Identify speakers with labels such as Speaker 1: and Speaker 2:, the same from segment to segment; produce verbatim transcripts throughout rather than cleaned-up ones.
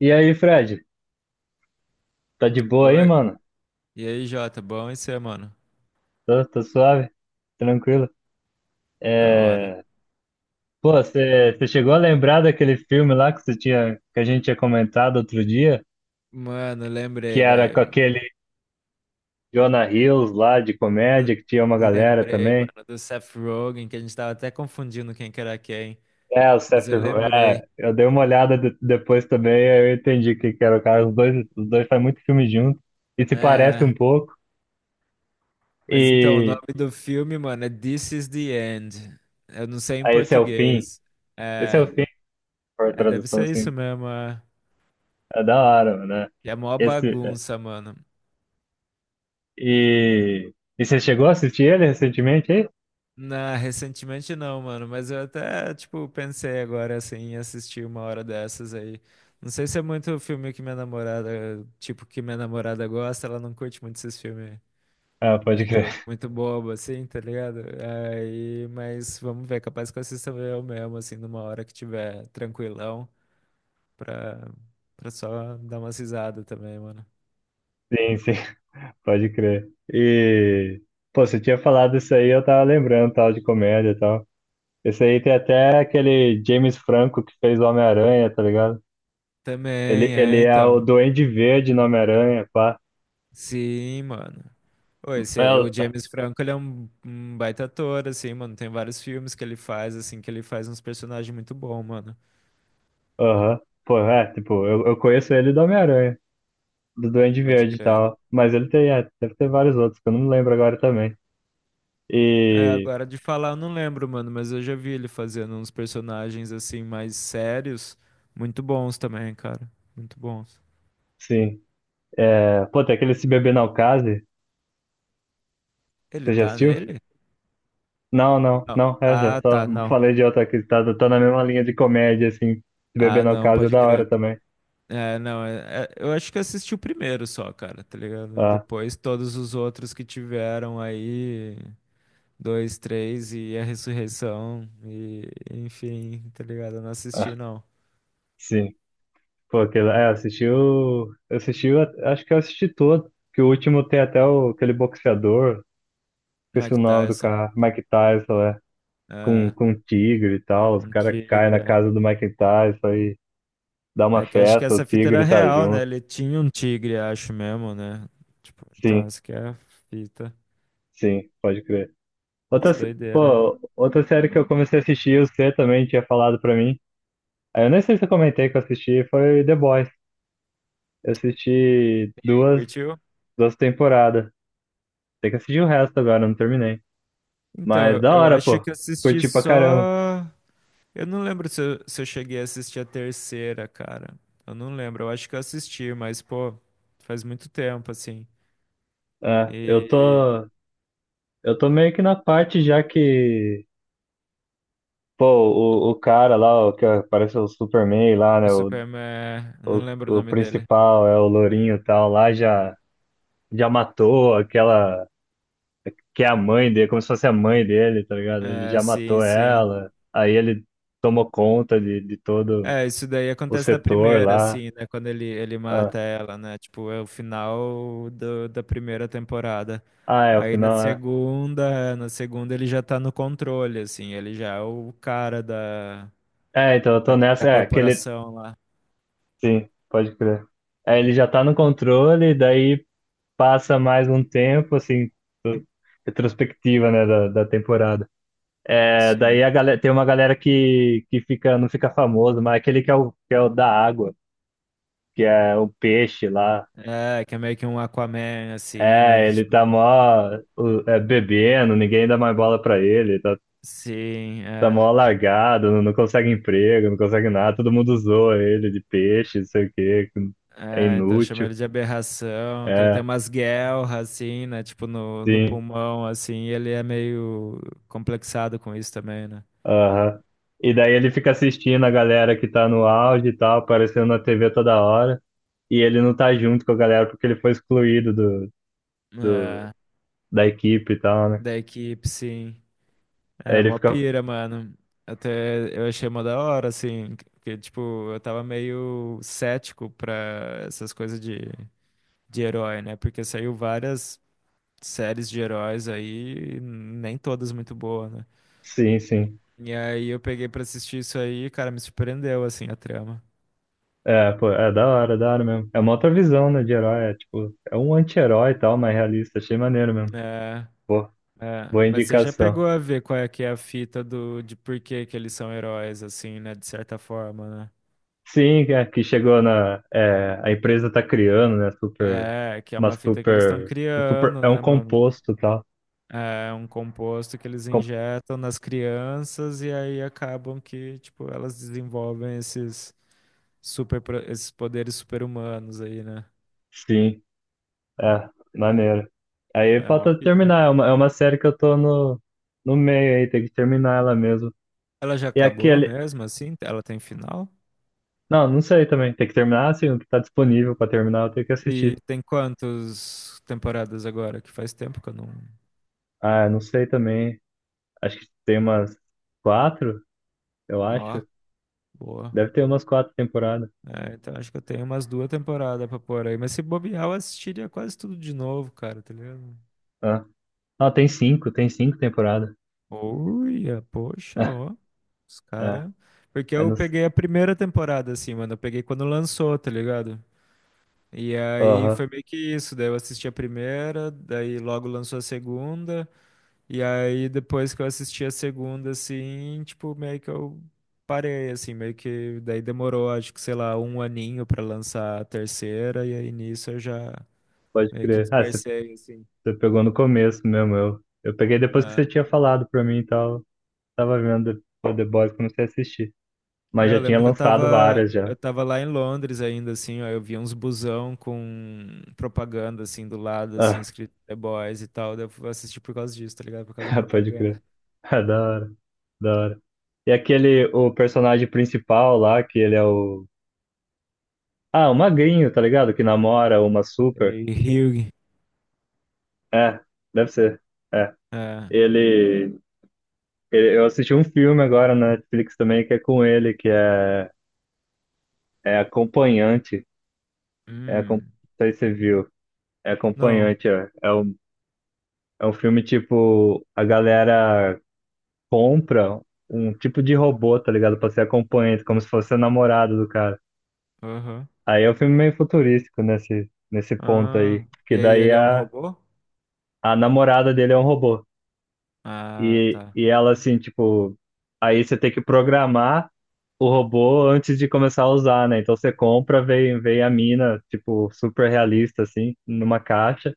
Speaker 1: E aí, Fred? Tá de boa aí,
Speaker 2: Oi.
Speaker 1: mano?
Speaker 2: E aí, Jota, bom e você, mano?
Speaker 1: Tô, tô suave, tranquilo.
Speaker 2: Da hora.
Speaker 1: É... Pô, você chegou a lembrar daquele filme lá que você tinha, que a gente tinha comentado outro dia,
Speaker 2: Mano,
Speaker 1: que
Speaker 2: lembrei,
Speaker 1: era com
Speaker 2: velho.
Speaker 1: aquele Jonah Hills lá de
Speaker 2: L-
Speaker 1: comédia, que tinha uma galera
Speaker 2: Lembrei,
Speaker 1: também.
Speaker 2: mano, do Seth Rogen, que a gente tava até confundindo quem que era quem.
Speaker 1: É, o
Speaker 2: Mas
Speaker 1: Seth,
Speaker 2: eu lembrei.
Speaker 1: é, eu dei uma olhada de- depois também, aí eu entendi que, que era o cara. Os dois, os dois fazem muito filme junto e se parecem
Speaker 2: É.
Speaker 1: um pouco.
Speaker 2: Mas então, o nome
Speaker 1: E
Speaker 2: do filme, mano, é This is the End. Eu não sei em
Speaker 1: aí esse é o fim.
Speaker 2: português.
Speaker 1: Esse é o
Speaker 2: É.
Speaker 1: fim, por
Speaker 2: É, deve
Speaker 1: tradução
Speaker 2: ser isso
Speaker 1: assim.
Speaker 2: mesmo. É,
Speaker 1: É da hora, mano, né?
Speaker 2: e é mó
Speaker 1: Esse. é,
Speaker 2: bagunça, mano.
Speaker 1: E, e você chegou a assistir ele recentemente aí?
Speaker 2: Não, recentemente não, mano, mas eu até, tipo, pensei agora, assim, em assistir uma hora dessas aí. Não sei se é muito filme que minha namorada, tipo, que minha namorada gosta, ela não curte muito esses filmes
Speaker 1: Ah, pode crer.
Speaker 2: muito, muito bobo, assim, tá ligado? Aí, mas vamos ver, capaz que eu assista eu mesmo, assim, numa hora que tiver tranquilão, pra, pra só dar umas risadas também, mano.
Speaker 1: Sim, sim, pode crer. E, pô, você tinha falado isso aí, eu tava lembrando, tal, de comédia e tal. Esse aí tem até aquele James Franco que fez o Homem-Aranha, tá ligado? Ele,
Speaker 2: Também, é,
Speaker 1: ele é o
Speaker 2: então.
Speaker 1: Duende Verde no Homem-Aranha, pá.
Speaker 2: Sim, mano. Ô, esse, é- o
Speaker 1: É,
Speaker 2: James Franco, ele é um, um baita ator, assim, mano. Tem vários filmes que ele faz, assim, que ele faz uns personagens muito bons, mano.
Speaker 1: aham. Pô, é, tipo, eu, eu conheço ele do Homem-Aranha, do Duende
Speaker 2: Pode
Speaker 1: Verde e
Speaker 2: crer.
Speaker 1: tal. Mas ele tem, é, deve ter vários outros, que eu não lembro agora também.
Speaker 2: É,
Speaker 1: E,
Speaker 2: agora de falar eu não lembro, mano, mas eu já vi ele fazendo uns personagens, assim, mais sérios. Muito bons também, cara. Muito bons.
Speaker 1: sim. É, pô, tem aquele Se Beber Não Case.
Speaker 2: Ele
Speaker 1: Você já
Speaker 2: tá
Speaker 1: assistiu?
Speaker 2: nele?
Speaker 1: Não, não,
Speaker 2: Não.
Speaker 1: não, é, já
Speaker 2: Ah,
Speaker 1: só
Speaker 2: tá, não.
Speaker 1: falei de outra que tá, tá na mesma linha de comédia, assim. Se beber
Speaker 2: Ah,
Speaker 1: no
Speaker 2: não,
Speaker 1: caso é
Speaker 2: pode
Speaker 1: da hora
Speaker 2: crer.
Speaker 1: também.
Speaker 2: É, não, é- é- eu acho que assisti o primeiro só, cara, tá ligado?
Speaker 1: Ah,
Speaker 2: Depois todos os outros que tiveram aí. Dois, três e a ressurreição e enfim, tá ligado? Eu não assisti
Speaker 1: ah,
Speaker 2: não.
Speaker 1: sim. Pô, aquele, é, assistiu, assistiu, acho que eu assisti todo, que o último tem até o, aquele boxeador, esqueci o
Speaker 2: Mike
Speaker 1: nome do
Speaker 2: Tyson,
Speaker 1: cara, Mike Tyson, é, com,
Speaker 2: é,
Speaker 1: com um tigre e tal, os
Speaker 2: um
Speaker 1: caras
Speaker 2: tigre.
Speaker 1: caem na
Speaker 2: É
Speaker 1: casa do Mike Tyson e dá uma
Speaker 2: É que acho que
Speaker 1: festa, o
Speaker 2: essa fita era
Speaker 1: tigre tá
Speaker 2: real, né?
Speaker 1: junto.
Speaker 2: Ele tinha um tigre, acho mesmo, né? Tipo, então
Speaker 1: Sim,
Speaker 2: essa que é a fita.
Speaker 1: sim, pode crer. Outra,
Speaker 2: Umas
Speaker 1: se-
Speaker 2: doideiras, né?
Speaker 1: pô, outra série que eu comecei a assistir, você também tinha falado pra mim. Aí eu nem sei se eu comentei que eu assisti, foi The Boys. Eu assisti duas,
Speaker 2: Curtiu?
Speaker 1: duas temporadas. Tem que assistir o resto agora, eu não terminei.
Speaker 2: Então,
Speaker 1: Mas
Speaker 2: eu,
Speaker 1: da
Speaker 2: eu
Speaker 1: hora,
Speaker 2: acho
Speaker 1: pô.
Speaker 2: que eu assisti
Speaker 1: Curti pra caramba.
Speaker 2: só. Eu não lembro se eu, se eu cheguei a assistir a terceira, cara. Eu não lembro. Eu acho que eu assisti, mas, pô, faz muito tempo, assim.
Speaker 1: É, eu tô,
Speaker 2: E
Speaker 1: eu tô meio que na parte já que, pô, o, o cara lá, o que parece o Superman lá,
Speaker 2: o
Speaker 1: né? O,
Speaker 2: Superman, eu não
Speaker 1: o,
Speaker 2: lembro o
Speaker 1: o
Speaker 2: nome dele.
Speaker 1: principal é o Lourinho e tal, lá já, já matou aquela. Que é a mãe dele, como se fosse a mãe dele, tá ligado? Ele
Speaker 2: É,
Speaker 1: já
Speaker 2: sim,
Speaker 1: matou
Speaker 2: sim.
Speaker 1: ela, aí ele tomou conta de, de todo
Speaker 2: É, isso daí
Speaker 1: o
Speaker 2: acontece na
Speaker 1: setor
Speaker 2: primeira,
Speaker 1: lá.
Speaker 2: assim, né? Quando ele, ele
Speaker 1: Ah,
Speaker 2: mata ela, né? Tipo, é o final do, da primeira temporada.
Speaker 1: ah, é, o
Speaker 2: Aí na
Speaker 1: final é.
Speaker 2: segunda, na segunda ele já tá no controle, assim, ele já é o cara da,
Speaker 1: É, então eu tô
Speaker 2: da, da
Speaker 1: nessa, é, que ele.
Speaker 2: corporação lá.
Speaker 1: Sim, pode crer. É, ele já tá no controle, daí passa mais um tempo, assim, retrospectiva, né, da, da temporada. É,
Speaker 2: Sim.
Speaker 1: daí a galera, tem uma galera que, que fica, não fica famosa, mas aquele que é o, que é o da água, que é o peixe lá.
Speaker 2: É, que é meio que um Aquaman, assim, né?
Speaker 1: É,
Speaker 2: Que
Speaker 1: ele tá
Speaker 2: tipo.
Speaker 1: mó o- é, bebendo, ninguém dá mais bola pra ele, tá,
Speaker 2: Sim,
Speaker 1: tá
Speaker 2: é.
Speaker 1: mó largado, não, não consegue emprego, não consegue nada, todo mundo zoa ele de peixe, não sei o quê, que é
Speaker 2: É, então chama
Speaker 1: inútil.
Speaker 2: ele de aberração, que ele tem
Speaker 1: É,
Speaker 2: umas guelras, assim, né? Tipo, no, no
Speaker 1: sim,
Speaker 2: pulmão, assim, e ele é meio complexado com isso também, né?
Speaker 1: aham. E daí ele fica assistindo a galera que tá no auge e tal, aparecendo na T V toda hora, e ele não tá junto com a galera porque ele foi excluído do, do,
Speaker 2: É,
Speaker 1: da equipe e tal, né?
Speaker 2: da equipe, sim.
Speaker 1: Aí
Speaker 2: É,
Speaker 1: ele
Speaker 2: mó
Speaker 1: fica,
Speaker 2: pira, mano. Até eu achei mó da hora, assim, porque, tipo, eu tava meio cético pra essas coisas de, de herói, né? Porque saiu várias séries de heróis aí, nem todas muito boas, né?
Speaker 1: sim, sim.
Speaker 2: E aí eu peguei pra assistir isso aí e, cara, me surpreendeu, assim, a trama.
Speaker 1: É, pô, é da hora, da hora mesmo. É uma outra visão, né, de herói. É tipo, é um anti-herói e tal, mas realista. Achei maneiro mesmo.
Speaker 2: É,
Speaker 1: Pô,
Speaker 2: é.
Speaker 1: boa
Speaker 2: Mas você já
Speaker 1: indicação.
Speaker 2: pegou a ver qual é que é a fita do, de por que que eles são heróis, assim, né? De certa forma, né?
Speaker 1: Sim, é, que chegou na. É, a empresa tá criando, né? Super.
Speaker 2: É, que é
Speaker 1: Uma
Speaker 2: uma fita que eles estão
Speaker 1: super. Um super
Speaker 2: criando,
Speaker 1: é um
Speaker 2: né, mano?
Speaker 1: composto e tal.
Speaker 2: É um composto que eles
Speaker 1: Com-
Speaker 2: injetam nas crianças e aí acabam que, tipo, elas desenvolvem esses super, pro- esses poderes super-humanos aí, né?
Speaker 1: sim, é, maneiro. Aí
Speaker 2: É uma
Speaker 1: falta
Speaker 2: pira.
Speaker 1: terminar. É uma, é uma série que eu tô no, no meio aí, tem que terminar ela mesmo.
Speaker 2: Ela já
Speaker 1: E
Speaker 2: acabou
Speaker 1: aquele.
Speaker 2: mesmo, assim? Ela tem final?
Speaker 1: Não, não sei também. Tem que terminar, assim, o que tá disponível pra terminar, eu tenho que
Speaker 2: E
Speaker 1: assistir.
Speaker 2: tem quantas temporadas agora? Que faz tempo que eu não...
Speaker 1: Ah, não sei também. Acho que tem umas quatro, eu
Speaker 2: Ó,
Speaker 1: acho.
Speaker 2: boa.
Speaker 1: Deve ter umas quatro temporadas.
Speaker 2: É, então acho que eu tenho umas duas temporadas pra pôr aí. Mas se bobear, eu assistiria quase tudo de novo, cara, tá ligado?
Speaker 1: Ah, ah, tem cinco, tem cinco temporadas.
Speaker 2: Olha, poxa,
Speaker 1: Ah,
Speaker 2: ó. Os
Speaker 1: ah,
Speaker 2: cara. Porque
Speaker 1: eu
Speaker 2: eu
Speaker 1: não...
Speaker 2: peguei a primeira temporada, assim, mano. Eu peguei quando lançou, tá ligado? E aí
Speaker 1: Aham,
Speaker 2: foi meio que isso. Daí eu assisti a primeira, daí logo lançou a segunda. E aí depois que eu assisti a segunda, assim, tipo, meio que eu parei, assim, meio que. Daí demorou, acho que, sei lá, um aninho pra lançar a terceira. E aí nisso eu já.
Speaker 1: pode
Speaker 2: Meio que
Speaker 1: crer. Ah, você
Speaker 2: dispersei, assim.
Speaker 1: você pegou no começo mesmo. Eu, eu peguei depois que
Speaker 2: Né?
Speaker 1: você tinha falado pra mim e tal. Tava vendo The The Boys, comecei a assistir. Mas
Speaker 2: É, eu
Speaker 1: já tinha
Speaker 2: lembro que eu
Speaker 1: lançado
Speaker 2: tava,
Speaker 1: várias já.
Speaker 2: eu tava lá em Londres ainda, assim, ó, eu via uns busão com propaganda, assim, do lado, assim,
Speaker 1: Ah,
Speaker 2: escrito The Boys e tal, daí eu fui assistir por causa disso, tá ligado? Por causa da
Speaker 1: pode
Speaker 2: propaganda.
Speaker 1: crer. Ah, da hora, da hora. E aquele, o personagem principal lá, que ele é o. Ah, o magrinho, tá ligado? Que namora uma super.
Speaker 2: E Hugh,
Speaker 1: É, deve ser. É.
Speaker 2: é,
Speaker 1: Ele, ele- eu assisti um filme agora na Netflix também que é com ele, que é, é Acompanhante. É, acom- não
Speaker 2: hum,
Speaker 1: sei se você viu. É
Speaker 2: não,
Speaker 1: Acompanhante. É, é, um, é um filme tipo, a galera compra um tipo de robô, tá ligado? Pra ser acompanhante, como se fosse a namorada do cara.
Speaker 2: aham,
Speaker 1: Aí é um filme meio futurístico nesse, nesse ponto
Speaker 2: ah,
Speaker 1: aí. Que
Speaker 2: e aí
Speaker 1: daí
Speaker 2: ele é um
Speaker 1: a,
Speaker 2: robô?
Speaker 1: a namorada dele é um robô.
Speaker 2: Ah,
Speaker 1: E,
Speaker 2: tá,
Speaker 1: e ela assim, tipo, aí você tem que programar o robô antes de começar a usar, né? Então você compra, vem, vem a mina, tipo, super realista, assim, numa caixa,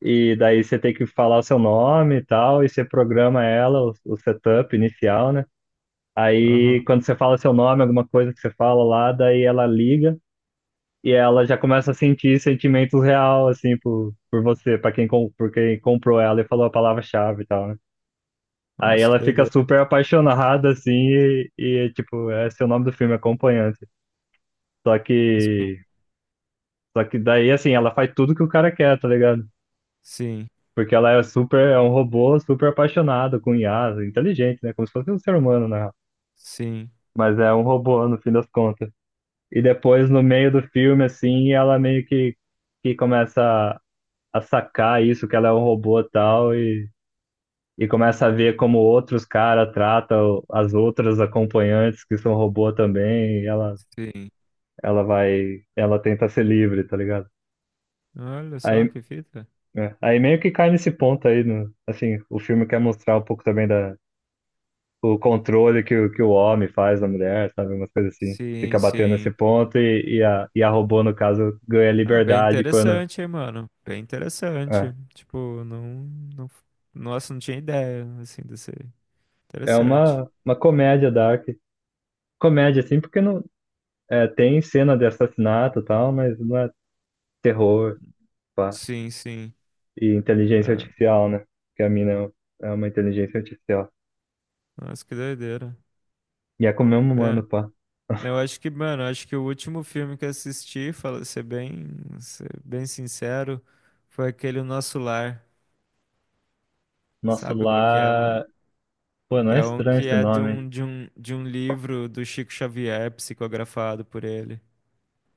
Speaker 1: e daí você tem que falar o seu nome e tal, e você programa ela, o, o setup inicial, né? Aí
Speaker 2: aham.
Speaker 1: quando você fala seu nome, alguma coisa que você fala lá, daí ela liga e ela já começa a sentir sentimentos real, assim, por, por você, pra quem, com- por quem comprou ela e falou a palavra-chave e tal, né? Aí
Speaker 2: Nossa, que
Speaker 1: ela fica
Speaker 2: doideira.
Speaker 1: super apaixonada, assim, e, e, tipo, é esse é o nome do filme, Acompanhante. Só
Speaker 2: Nossa, que-
Speaker 1: que, só que daí, assim, ela faz tudo que o cara quer, tá ligado?
Speaker 2: sim,
Speaker 1: Porque ela é super, é um robô super apaixonado, com I A, inteligente, né? Como se fosse um ser humano, né?
Speaker 2: sim,
Speaker 1: Mas é um robô, no fim das contas. E depois, no meio do filme, assim, ela meio que, que começa a, a sacar isso, que ela é um robô e tal, e, e começa a ver como outros caras tratam as outras acompanhantes que são robô também, e ela
Speaker 2: sim,
Speaker 1: ela vai, ela tenta ser livre, tá ligado?
Speaker 2: olha só
Speaker 1: Aí,
Speaker 2: que fita,
Speaker 1: é, aí meio que cai nesse ponto aí, no, assim, o filme quer mostrar um pouco também da, o controle que, o- que o homem faz da mulher, sabe? Umas coisas assim.
Speaker 2: sim,
Speaker 1: Fica batendo nesse
Speaker 2: sim.
Speaker 1: ponto e, e, a, e a robô, no caso, ganha
Speaker 2: Ah, bem
Speaker 1: liberdade quando.
Speaker 2: interessante, hein, mano? Bem
Speaker 1: É,
Speaker 2: interessante. Tipo, não, não. Nossa, não tinha ideia, assim, desse.
Speaker 1: é
Speaker 2: Interessante.
Speaker 1: uma, uma comédia dark. Comédia, assim, porque não, é, tem cena de assassinato e tal, mas não é terror, pá.
Speaker 2: Sim, sim.
Speaker 1: E inteligência
Speaker 2: É.
Speaker 1: artificial, né? Porque a mina é uma inteligência artificial.
Speaker 2: Nossa, que doideira.
Speaker 1: E é como um
Speaker 2: É.
Speaker 1: humano, pá.
Speaker 2: Eu acho que, mano, acho que o último filme que eu assisti, fala, ser bem, ser bem sincero, foi aquele O Nosso Lar.
Speaker 1: Nosso
Speaker 2: Sabe qual que é, mano?
Speaker 1: lar. Pô, não
Speaker 2: Que
Speaker 1: é
Speaker 2: é um
Speaker 1: estranho
Speaker 2: que
Speaker 1: esse
Speaker 2: é de
Speaker 1: nome.
Speaker 2: um, de um, de um livro do Chico Xavier, psicografado por ele.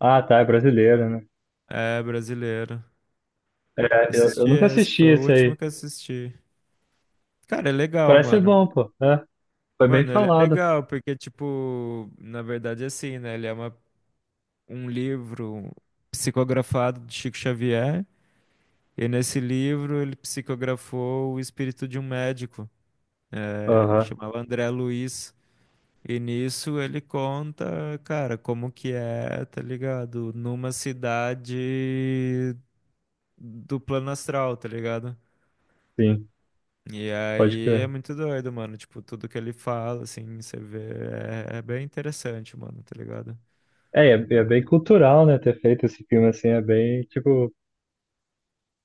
Speaker 1: Ah, tá, é brasileiro, né?
Speaker 2: É brasileiro.
Speaker 1: É, eu, eu
Speaker 2: Assisti
Speaker 1: nunca
Speaker 2: esse,
Speaker 1: assisti
Speaker 2: foi o
Speaker 1: esse
Speaker 2: último
Speaker 1: aí.
Speaker 2: que assisti. Cara, é legal,
Speaker 1: Parece ser
Speaker 2: mano.
Speaker 1: bom, pô. É, foi bem
Speaker 2: Mano, ele é
Speaker 1: falado.
Speaker 2: legal, porque, tipo, na verdade, é assim, né? Ele é uma, um livro psicografado de Chico Xavier. E nesse livro ele psicografou o espírito de um médico, eh, que
Speaker 1: Aham,
Speaker 2: chamava André Luiz. E nisso ele conta, cara, como que é, tá ligado? Numa cidade do plano astral, tá ligado?
Speaker 1: sim,
Speaker 2: E
Speaker 1: pode
Speaker 2: aí é
Speaker 1: crer.
Speaker 2: muito doido, mano. Tipo, tudo que ele fala, assim, você vê, é, é bem interessante, mano, tá ligado?
Speaker 1: É, e é, e é
Speaker 2: É.
Speaker 1: bem cultural, né? Ter feito esse filme assim é bem, tipo.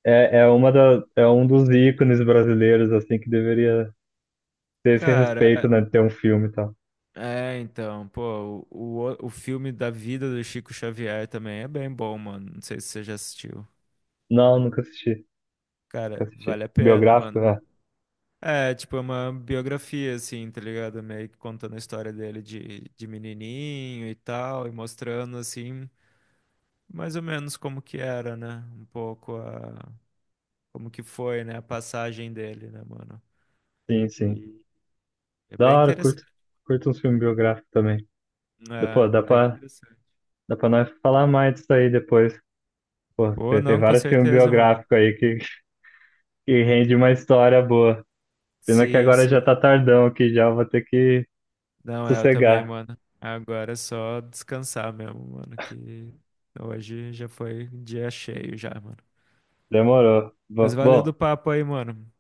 Speaker 1: É, é, uma da, é um dos ícones brasileiros, assim, que deveria ter esse
Speaker 2: Cara,
Speaker 1: respeito, né? De ter um filme e tal.
Speaker 2: é, então, pô, o, o, o filme da vida do Chico Xavier também é bem bom, mano. Não sei se você já assistiu.
Speaker 1: Não, nunca assisti. Nunca
Speaker 2: Cara,
Speaker 1: assisti.
Speaker 2: vale a pena,
Speaker 1: Biográfico?
Speaker 2: mano.
Speaker 1: É,
Speaker 2: É, tipo, é uma biografia, assim, tá ligado? Meio que contando a história dele de, de menininho e tal, e mostrando, assim, mais ou menos como que era, né? Um pouco a... Como que foi, né? A passagem dele, né, mano?
Speaker 1: sim, sim.
Speaker 2: E é
Speaker 1: Da
Speaker 2: bem
Speaker 1: hora, curto.
Speaker 2: interessante.
Speaker 1: Curto uns filmes biográficos também. Dá- Pô,
Speaker 2: É,
Speaker 1: dá
Speaker 2: é bem
Speaker 1: pra.
Speaker 2: interessante.
Speaker 1: Dá pra nós falar mais disso aí depois. Pô,
Speaker 2: Pô,
Speaker 1: tem, tem
Speaker 2: não, com
Speaker 1: vários filmes
Speaker 2: certeza, mano.
Speaker 1: biográficos aí que, que rende uma história boa. Pena que
Speaker 2: Sim,
Speaker 1: agora já
Speaker 2: sim.
Speaker 1: tá tardão aqui, já vou ter que
Speaker 2: Não, é, eu também,
Speaker 1: sossegar.
Speaker 2: mano. Agora é só descansar mesmo, mano, que hoje já foi dia cheio já, mano.
Speaker 1: Demorou.
Speaker 2: Mas
Speaker 1: Bo-
Speaker 2: valeu
Speaker 1: Bom,
Speaker 2: do papo aí, mano.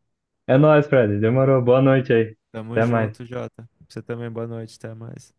Speaker 1: é nóis, Fred. Demorou. Boa noite aí.
Speaker 2: Tamo
Speaker 1: Até mais.
Speaker 2: junto, Jota. Você também, boa noite, até mais.